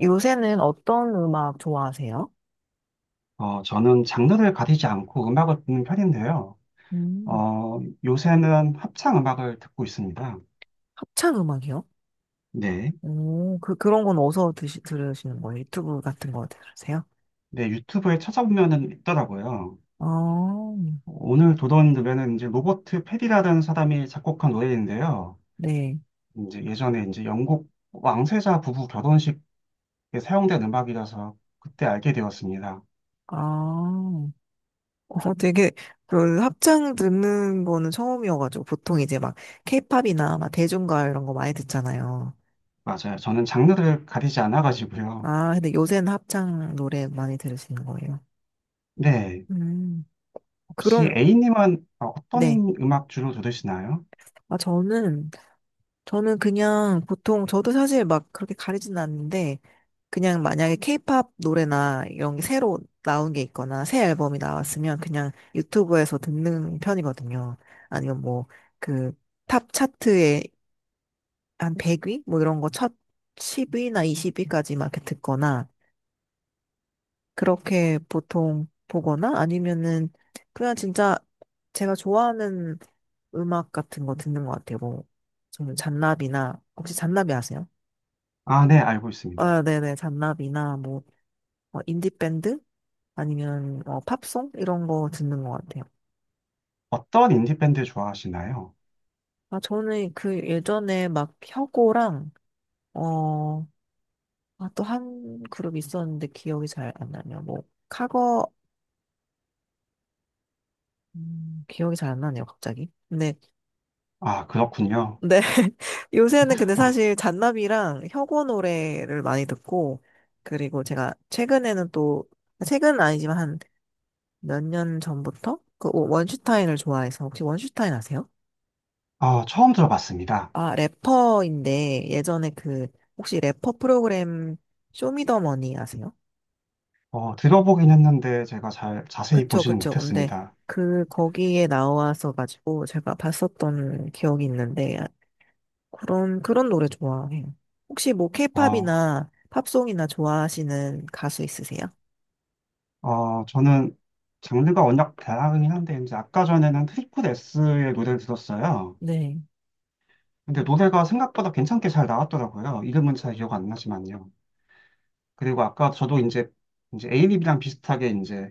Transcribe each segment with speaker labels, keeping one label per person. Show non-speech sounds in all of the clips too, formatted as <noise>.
Speaker 1: 요새는 어떤 음악 좋아하세요?
Speaker 2: 저는 장르를 가리지 않고 음악을 듣는 편인데요.
Speaker 1: 음,
Speaker 2: 어, 요새는 합창 음악을 듣고 있습니다.
Speaker 1: 합창 음악이요?
Speaker 2: 네.
Speaker 1: 오, 그런 건 어디서 들으시는 거예요? 유튜브 같은 거 들으세요?
Speaker 2: 네, 유튜브에 찾아보면은 있더라고요.
Speaker 1: 아,
Speaker 2: 오늘 도전되면은 이제 로버트 페리라는 사람이 작곡한 노래인데요.
Speaker 1: 네.
Speaker 2: 이제 예전에 이제 영국 왕세자 부부 결혼식에 사용된 음악이라서 그때 알게 되었습니다.
Speaker 1: 아, 어, 되게, 합창 듣는 거는 처음이어가지고, 보통 케이팝이나 막 대중가 이런 거 많이 듣잖아요.
Speaker 2: 맞아요. 저는 장르를 가리지 않아가지고요.
Speaker 1: 아, 근데 요새는 합창 노래 많이 들으시는 거예요.
Speaker 2: 네.
Speaker 1: 음,
Speaker 2: 혹시
Speaker 1: 그럼,
Speaker 2: A님은
Speaker 1: 네.
Speaker 2: 어떤 음악 주로 들으시나요?
Speaker 1: 아, 저는, 저는 그냥 보통, 저도 사실 막 그렇게 가리진 않는데, 그냥 만약에 케이팝 노래나 이런 게 새로 나온 게 있거나 새 앨범이 나왔으면 그냥 유튜브에서 듣는 편이거든요. 아니면 뭐 그 탑 차트에 한 100위? 뭐 이런 거 첫 10위나 20위까지 막 이렇게 듣거나 그렇게 보통 보거나 아니면은 그냥 진짜 제가 좋아하는 음악 같은 거 듣는 것 같아요. 뭐 저는 잔나비나 혹시 잔나비 아세요?
Speaker 2: 아, 네, 알고 있습니다.
Speaker 1: 아, 네네 잔나비나 뭐 어, 인디밴드 아니면 어, 팝송 이런 거 듣는 것 같아요.
Speaker 2: 어떤 인디밴드 좋아하시나요?
Speaker 1: 아 저는 그 예전에 막 혁오랑 어, 아, 또 한 그룹 있었는데 기억이 잘 안 나네요. 뭐 카거 기억이 잘 안 나네요, 갑자기. 근데
Speaker 2: 아, 그렇군요.
Speaker 1: 네. <laughs> 요새는 근데
Speaker 2: 아,
Speaker 1: 사실 잔나비랑 혁오 노래를 많이 듣고 그리고 제가 최근에는 또 최근은 아니지만 한 몇 년 전부터 그 원슈타인을 좋아해서 혹시 원슈타인 아세요?
Speaker 2: 아, 처음 들어봤습니다.
Speaker 1: 아, 래퍼인데 예전에 그 혹시 래퍼 프로그램 쇼미더머니 아세요?
Speaker 2: 들어보긴 했는데 제가 잘 자세히
Speaker 1: 그쵸,
Speaker 2: 보지는
Speaker 1: 그쵸. 근데
Speaker 2: 못했습니다.
Speaker 1: 그 거기에 나와서 가지고 제가 봤었던 기억이 있는데 그런 노래 좋아해요. 혹시 뭐
Speaker 2: 어,
Speaker 1: 케이팝이나 팝송이나 좋아하시는 가수 있으세요?
Speaker 2: 저는 장르가 워낙 다양하긴 한데 이제 아까 전에는 트리플 S의 노래를 들었어요.
Speaker 1: 네.
Speaker 2: 근데
Speaker 1: 음,
Speaker 2: 노래가 생각보다 괜찮게 잘 나왔더라고요. 이름은 잘 기억 안 나지만요. 그리고 아까 저도 이제 에이립이랑 비슷하게 이제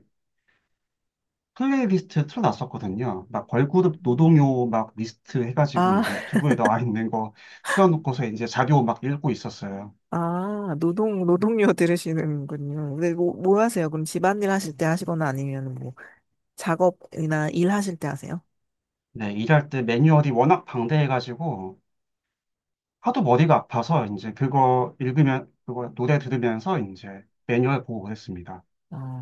Speaker 2: 플레이리스트 틀어놨었거든요. 막 걸그룹
Speaker 1: 음.
Speaker 2: 노동요 막 리스트 해가지고
Speaker 1: 아,
Speaker 2: 이제 유튜브에 나와 있는 거 틀어놓고서 이제 자료 막 읽고 있었어요.
Speaker 1: 아, 노동요 들으시는군요. 근데 뭐 하세요? 그럼 집안일 하실 때 하시거나 아니면 뭐 작업이나 일 하실 때 하세요?
Speaker 2: 네, 일할 때 매뉴얼이 워낙 방대해가지고 하도 머리가 아파서 이제 그거 읽으면 그거 노래 들으면서 이제 매뉴얼 보고 그랬습니다.
Speaker 1: 아,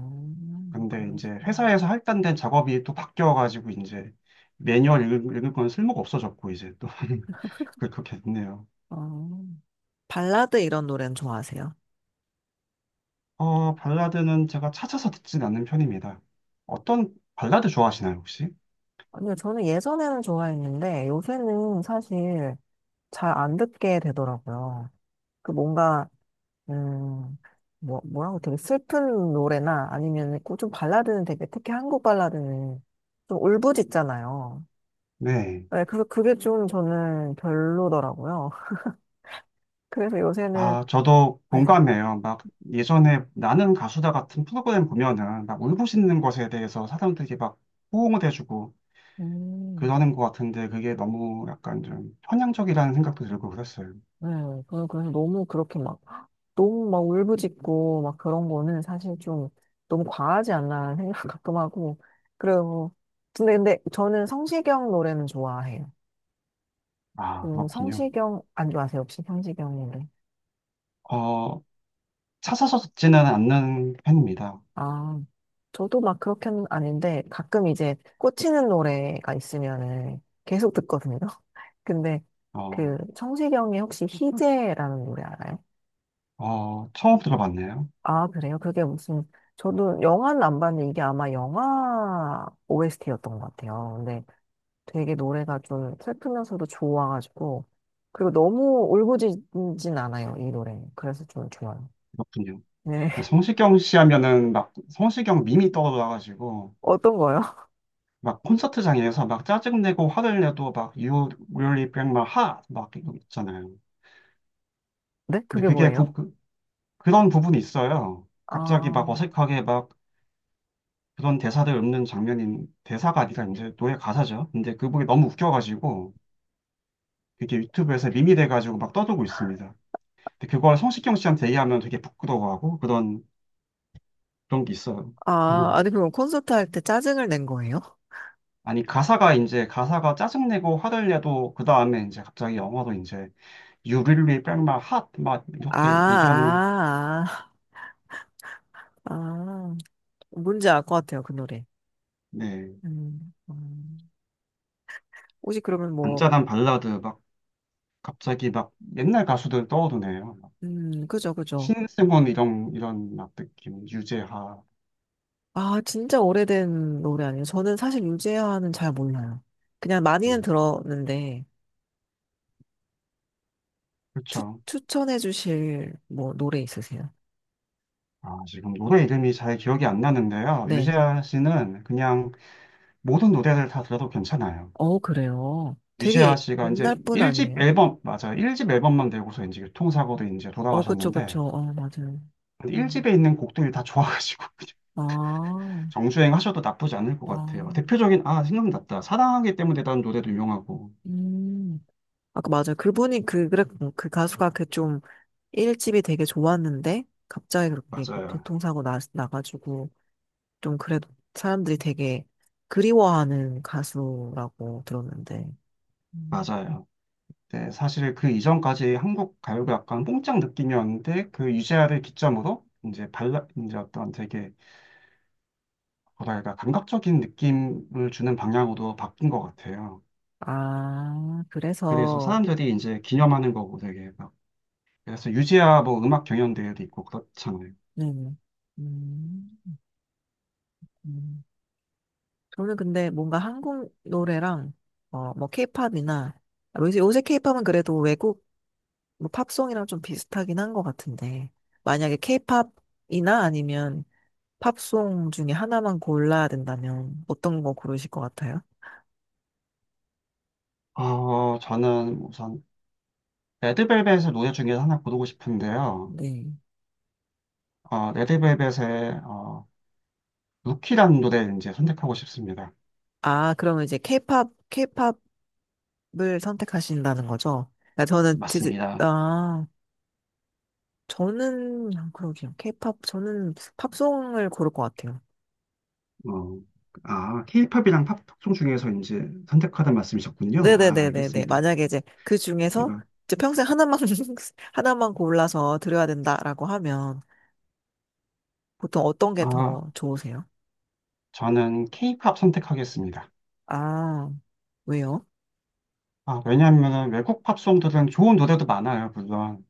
Speaker 2: 근데 이제
Speaker 1: 그러시구나.
Speaker 2: 회사에서 할당된 작업이 또 바뀌어가지고 이제 매뉴얼 읽을 건 쓸모가 없어졌고 이제 또 <laughs> 그렇게 됐네요.
Speaker 1: 아, 발라드 이런 노래는 좋아하세요?
Speaker 2: 발라드는 제가 찾아서 듣진 않는 편입니다. 어떤 발라드 좋아하시나요, 혹시?
Speaker 1: 아니요, 저는 예전에는 좋아했는데 요새는 사실 잘 안 듣게 되더라고요. 그 뭔가, 음, 뭐라고 되게 슬픈 노래나 아니면 그좀 발라드는 되게 특히 한국 발라드는 좀 울부짖잖아요.
Speaker 2: 네.
Speaker 1: 네, 그래서 그게 좀 저는 별로더라고요. <laughs> 그래서 요새는,
Speaker 2: 아, 저도
Speaker 1: 네,
Speaker 2: 공감해요. 막 예전에 나는 가수다 같은 프로그램 보면은 막 울부짖는 것에 대해서 사람들이 막 호응을 해주고
Speaker 1: 음,
Speaker 2: 그러는 것 같은데 그게 너무 약간 좀 편향적이라는 생각도 들고 그랬어요.
Speaker 1: 네, 그 그래서 너무 그렇게 막 너무 막 울부짖고 막 그런 거는 사실 좀 너무 과하지 않나 생각 <laughs> 가끔 하고 그리고 근데 저는 성시경 노래는 좋아해요.
Speaker 2: 아,
Speaker 1: 그
Speaker 2: 그렇군요.
Speaker 1: 성시경 안 좋아하세요 혹시 성시경 노래?
Speaker 2: 어, 찾아서 듣지는 않는 편입니다.
Speaker 1: 아 저도 막 그렇게는 아닌데 가끔 이제 꽂히는 노래가 있으면은 계속 듣거든요. <laughs> 근데
Speaker 2: 어,
Speaker 1: 그 성시경의 혹시 희재라는 노래 알아요?
Speaker 2: 처음 들어봤네요.
Speaker 1: 아 그래요? 그게 무슨 저도 영화는 안 봤는데 이게 아마 영화 OST였던 것 같아요. 되게 노래가 좀 슬프면서도 좋아가지고 그리고 너무 울부짖진 않아요 이 노래 그래서 좀 좋아요
Speaker 2: 그렇군요.
Speaker 1: 네 <laughs>
Speaker 2: 성시경 씨 하면은 막 성시경 밈이 떠올라가지고
Speaker 1: 어떤 거요?
Speaker 2: 막 콘서트장에서 막 짜증내고 화를 내도 막 You really break my heart 막 이거 있잖아요.
Speaker 1: 네
Speaker 2: 근데
Speaker 1: 그게
Speaker 2: 그게
Speaker 1: 뭐예요?
Speaker 2: 그런 부분이 있어요. 갑자기 막
Speaker 1: 아,
Speaker 2: 어색하게 막 그런 대사들 읊는 장면인 대사가 아니라 이제 노래 가사죠. 근데 그분이 너무 웃겨가지고 그게 유튜브에서 밈이 돼가지고 막 떠들고 있습니다. 근데 그걸 성시경 씨한테 얘기하면 되게 부끄러워하고 그런 게 있어요.
Speaker 1: 아
Speaker 2: 어.
Speaker 1: 아니 그럼 콘서트 할 때 짜증을 낸 거예요?
Speaker 2: 아니 가사가 이제 가사가 짜증내고 화를 내도 그 다음에 이제 갑자기 영어로 이제 You really break my heart 막 이렇게 얘기하는
Speaker 1: 아, 아, 아, 아. 뭔지 알 것 같아요 그 노래
Speaker 2: 네
Speaker 1: 음, 음. 혹시 그러면 뭐
Speaker 2: 잔잔한 발라드 막 갑자기 막 옛날 가수들 떠오르네요.
Speaker 1: 그죠 그죠
Speaker 2: 신승훈 이런 막 느낌 유재하
Speaker 1: 아 진짜 오래된 노래 아니에요 저는 사실 유재하는 잘 몰라요 그냥
Speaker 2: 네,
Speaker 1: 많이는 들었는데
Speaker 2: 그렇죠.
Speaker 1: 추천해 주실 뭐 노래 있으세요?
Speaker 2: 아 지금 노래 이름이 잘 기억이 안 나는데요.
Speaker 1: 네.
Speaker 2: 유재하 씨는 그냥 모든 노래를 다 들어도 괜찮아요.
Speaker 1: 어, 그래요. 되게
Speaker 2: 유재하 씨가 이제
Speaker 1: 옛날 분
Speaker 2: 1집
Speaker 1: 아니에요?
Speaker 2: 앨범 맞아요. 일 집 앨범만 내고서 이제 교통사고로 이제
Speaker 1: 어, 그쵸,
Speaker 2: 돌아가셨는데
Speaker 1: 그쵸. 어, 맞아요.
Speaker 2: 근데
Speaker 1: 음.
Speaker 2: 1집에 있는 곡들이 다 좋아가지고 <laughs> 그냥
Speaker 1: 아,
Speaker 2: 정주행 하셔도 <laughs> 나쁘지 않을 것
Speaker 1: 아,
Speaker 2: 같아요. 대표적인 아 생각났다. 사랑하기 때문에 라는 노래도 유명하고
Speaker 1: 음. 아까 맞아요. 그 가수가 그 좀 일집이 되게 좋았는데, 갑자기 그렇게 그
Speaker 2: 맞아요.
Speaker 1: 교통사고 나가지고, 좀 그래도 사람들이 되게 그리워하는 가수라고 들었는데. 음.
Speaker 2: 맞아요. 네, 사실 그 이전까지 한국 가요가 약간 뽕짝 느낌이었는데 그 유재하를 기점으로 이제 발라 이제 어떤 되게 뭐랄까 감각적인 느낌을 주는 방향으로 바뀐 것 같아요.
Speaker 1: 아,
Speaker 2: 그래서
Speaker 1: 그래서,
Speaker 2: 사람들이 이제 기념하는 거고 되게 막 그래서 유재하 뭐 음악 경연대회도 있고 그렇잖아요.
Speaker 1: 네. 음. 음, 저는 근데 뭔가 한국 노래랑 어, 뭐 케이팝이나 요새 케이팝은 그래도 외국 뭐 팝송이랑 좀 비슷하긴 한 것 같은데 만약에 케이팝이나 아니면 팝송 중에 하나만 골라야 된다면 어떤 거 고르실 것 같아요?
Speaker 2: 저는 우선 레드벨벳의 노래 중에 하나 고르고 싶은데요.
Speaker 1: 네.
Speaker 2: 레드벨벳의 루키라는 노래 이제 선택하고 싶습니다.
Speaker 1: 아, 그러면 이제 케이팝을 선택하신다는 거죠? 그러니까 저는 진짜
Speaker 2: 맞습니다.
Speaker 1: 아, 저는 그러게요. 케이팝 저는 팝송을 고를 것 같아요.
Speaker 2: 어, 아, 케이팝이랑 팝송 중에서 이제 선택하다 말씀이셨군요. 아,
Speaker 1: 네네네네네.
Speaker 2: 알겠습니다.
Speaker 1: 만약에 이제 그 중에서
Speaker 2: 제가
Speaker 1: 이제 평생 하나만, <laughs> 하나만 골라서 드려야 된다라고 하면 보통 어떤 게
Speaker 2: 아,
Speaker 1: 더 좋으세요?
Speaker 2: 저는 케이팝 선택하겠습니다.
Speaker 1: 아, 왜요?
Speaker 2: 아, 왜냐하면 외국 팝송들은 좋은 노래도 많아요, 물론.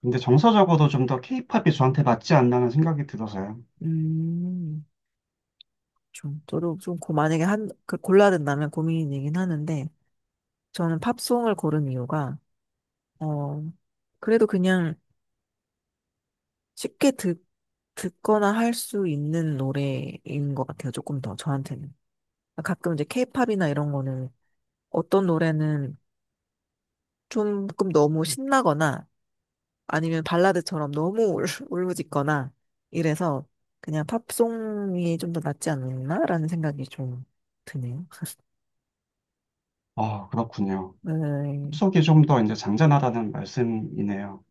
Speaker 2: 근데 정서적으로 좀 더 케이팝이 저한테 맞지 않나는 생각이 들어서요.
Speaker 1: 음, 좀, 저도 좀 고, 만약에 한, 그 골라야 된다면 고민이긴 하는데 저는 팝송을 고른 이유가, 어, 그래도 그냥 쉽게 듣거나 할 수 있는 노래인 것 같아요. 조금 더 저한테는. 가끔 이제 케이팝이나 이런 거는 어떤 노래는 조금 너무 신나거나 아니면 발라드처럼 너무 울, <laughs> 울부짖거나 이래서 그냥 팝송이 좀 더 낫지 않나라는 생각이 좀 드네요. <laughs>
Speaker 2: 아, 그렇군요.
Speaker 1: 네.
Speaker 2: 팝송이 좀 더 이제 잔잔하다는 말씀이네요.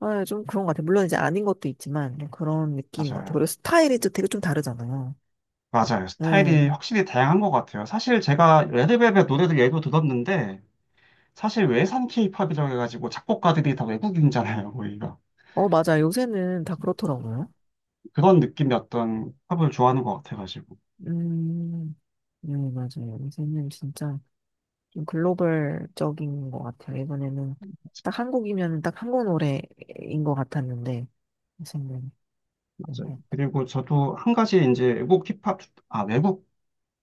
Speaker 1: 아, 좀 그런 것 같아요. 물론 이제 아닌 것도 있지만 좀 그런 느낌인 것 같아요.
Speaker 2: 맞아요.
Speaker 1: 그리고 스타일이 또 되게 좀 다르잖아요.
Speaker 2: 맞아요. 스타일이
Speaker 1: 네.
Speaker 2: 확실히 다양한 것 같아요. 사실 제가 레드벨벳 노래들 예로 들었는데, 사실 외산 케이팝이라고 해가지고 작곡가들이 다 외국인이잖아요, 거기가.
Speaker 1: 어, 맞아. 요새는 다 그렇더라고요.
Speaker 2: 그런 느낌의 어떤 팝을 좋아하는 것 같아가지고.
Speaker 1: 음, 네, 맞아요. 요새는 진짜 좀 글로벌적인 것 같아요. 예전에는 딱 한국이면 딱 한국 노래인 것 같았는데 무슨 노래?
Speaker 2: 맞아요.
Speaker 1: 네.
Speaker 2: 그리고 저도 한 가지 이제 외국 힙합, 아, 외국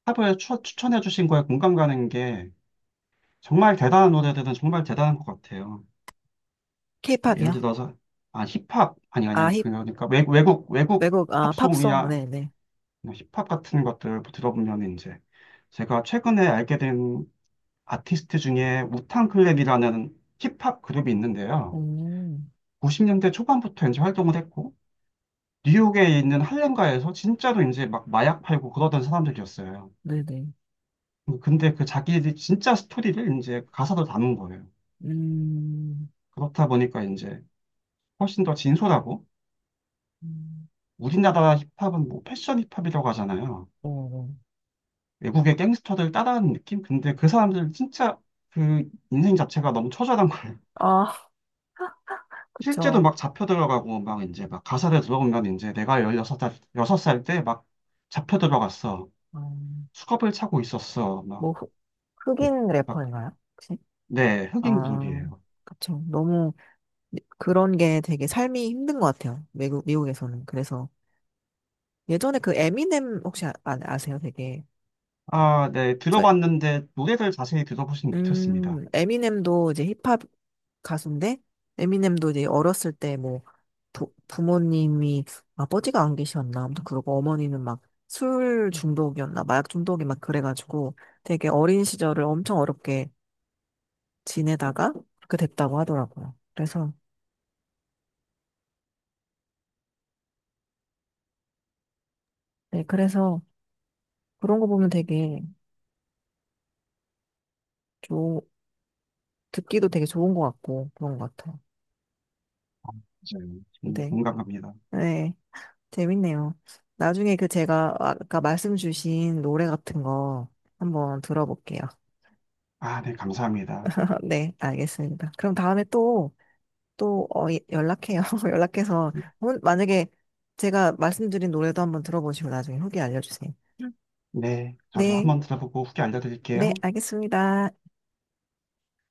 Speaker 2: 팝을 추천해 주신 거에 공감 가는 게 정말 대단한 노래들은 정말 대단한 것 같아요. 예를
Speaker 1: 케이팝이요?
Speaker 2: 들어서, 아, 힙합, 아니, 아니,
Speaker 1: 아,
Speaker 2: 아니,
Speaker 1: 힙,
Speaker 2: 그러니까 외국
Speaker 1: 외국, 아, 팝송,
Speaker 2: 팝송이야.
Speaker 1: 네네.
Speaker 2: 뭐 힙합 같은 것들을 들어보면 이제 제가 최근에 알게 된 아티스트 중에 우탕 클랩이라는 힙합 그룹이 있는데요.
Speaker 1: 오,
Speaker 2: 90년대 초반부터 이제 활동을 했고 뉴욕에 있는 할렘가에서 진짜로 이제 막 마약 팔고 그러던 사람들이었어요.
Speaker 1: 네네.
Speaker 2: 근데 그 자기들이 진짜 스토리를 이제 가사로 담은 거예요.
Speaker 1: 음,
Speaker 2: 그렇다 보니까 이제 훨씬 더 진솔하고
Speaker 1: 음,
Speaker 2: 우리나라 힙합은 뭐 패션 힙합이라고 하잖아요.
Speaker 1: 어, 어.
Speaker 2: 외국의 갱스터들 따라하는 느낌? 근데 그 사람들 진짜 그 인생 자체가 너무 처절한 거예요. <laughs>
Speaker 1: 아,
Speaker 2: 실제로
Speaker 1: 그쵸.
Speaker 2: 막 잡혀 들어가고 막 이제 막 가사를 들어보면 이제 내가 16살, 여섯 살 때 막 잡혀 들어갔어.
Speaker 1: 음,
Speaker 2: 수갑을 차고 있었어. 막,
Speaker 1: 뭐, 흑, 흑인
Speaker 2: 막,
Speaker 1: 래퍼인가요? 혹시?
Speaker 2: 네, 흑인
Speaker 1: 아,
Speaker 2: 그룹이에요.
Speaker 1: 그쵸. 너무 그런 게 되게 삶이 힘든 것 같아요. 외국, 미국에서는. 그래서 예전에 그 에미넴 혹시 아세요? 되게.
Speaker 2: 아, 네,
Speaker 1: 저
Speaker 2: 들어봤는데 노래를 자세히 들어보진 못했습니다.
Speaker 1: 에미넴도 이제 힙합 가수인데, 에미넴도 이제 어렸을 때 뭐, 부모님이 아버지가 안 계셨나, 아무튼 그러고 어머니는 막 술 중독이었나, 마약 중독이 막 그래가지고 되게 어린 시절을 엄청 어렵게 지내다가 그렇게 됐다고 하더라고요. 그래서, 네, 그래서 그런 거 보면 되게 좋, 듣기도 되게 좋은 것 같고 그런 것 같아요.
Speaker 2: 맞아요.
Speaker 1: 근데,
Speaker 2: 공감합니다.
Speaker 1: 네. 재밌네요. 나중에 그 제가 아까 말씀 주신 노래 같은 거 한번 들어볼게요.
Speaker 2: 아, 네, 감사합니다.
Speaker 1: <laughs> 네, 알겠습니다. 그럼 다음에 또, 또, 어, 예, 연락해요. <laughs> 연락해서, 만약에 제가 말씀드린 노래도 한번 들어보시고 나중에 후기 알려주세요.
Speaker 2: 네, 저도
Speaker 1: 네,
Speaker 2: 한번 들어보고 후기
Speaker 1: 네,
Speaker 2: 알려드릴게요.
Speaker 1: 알겠습니다.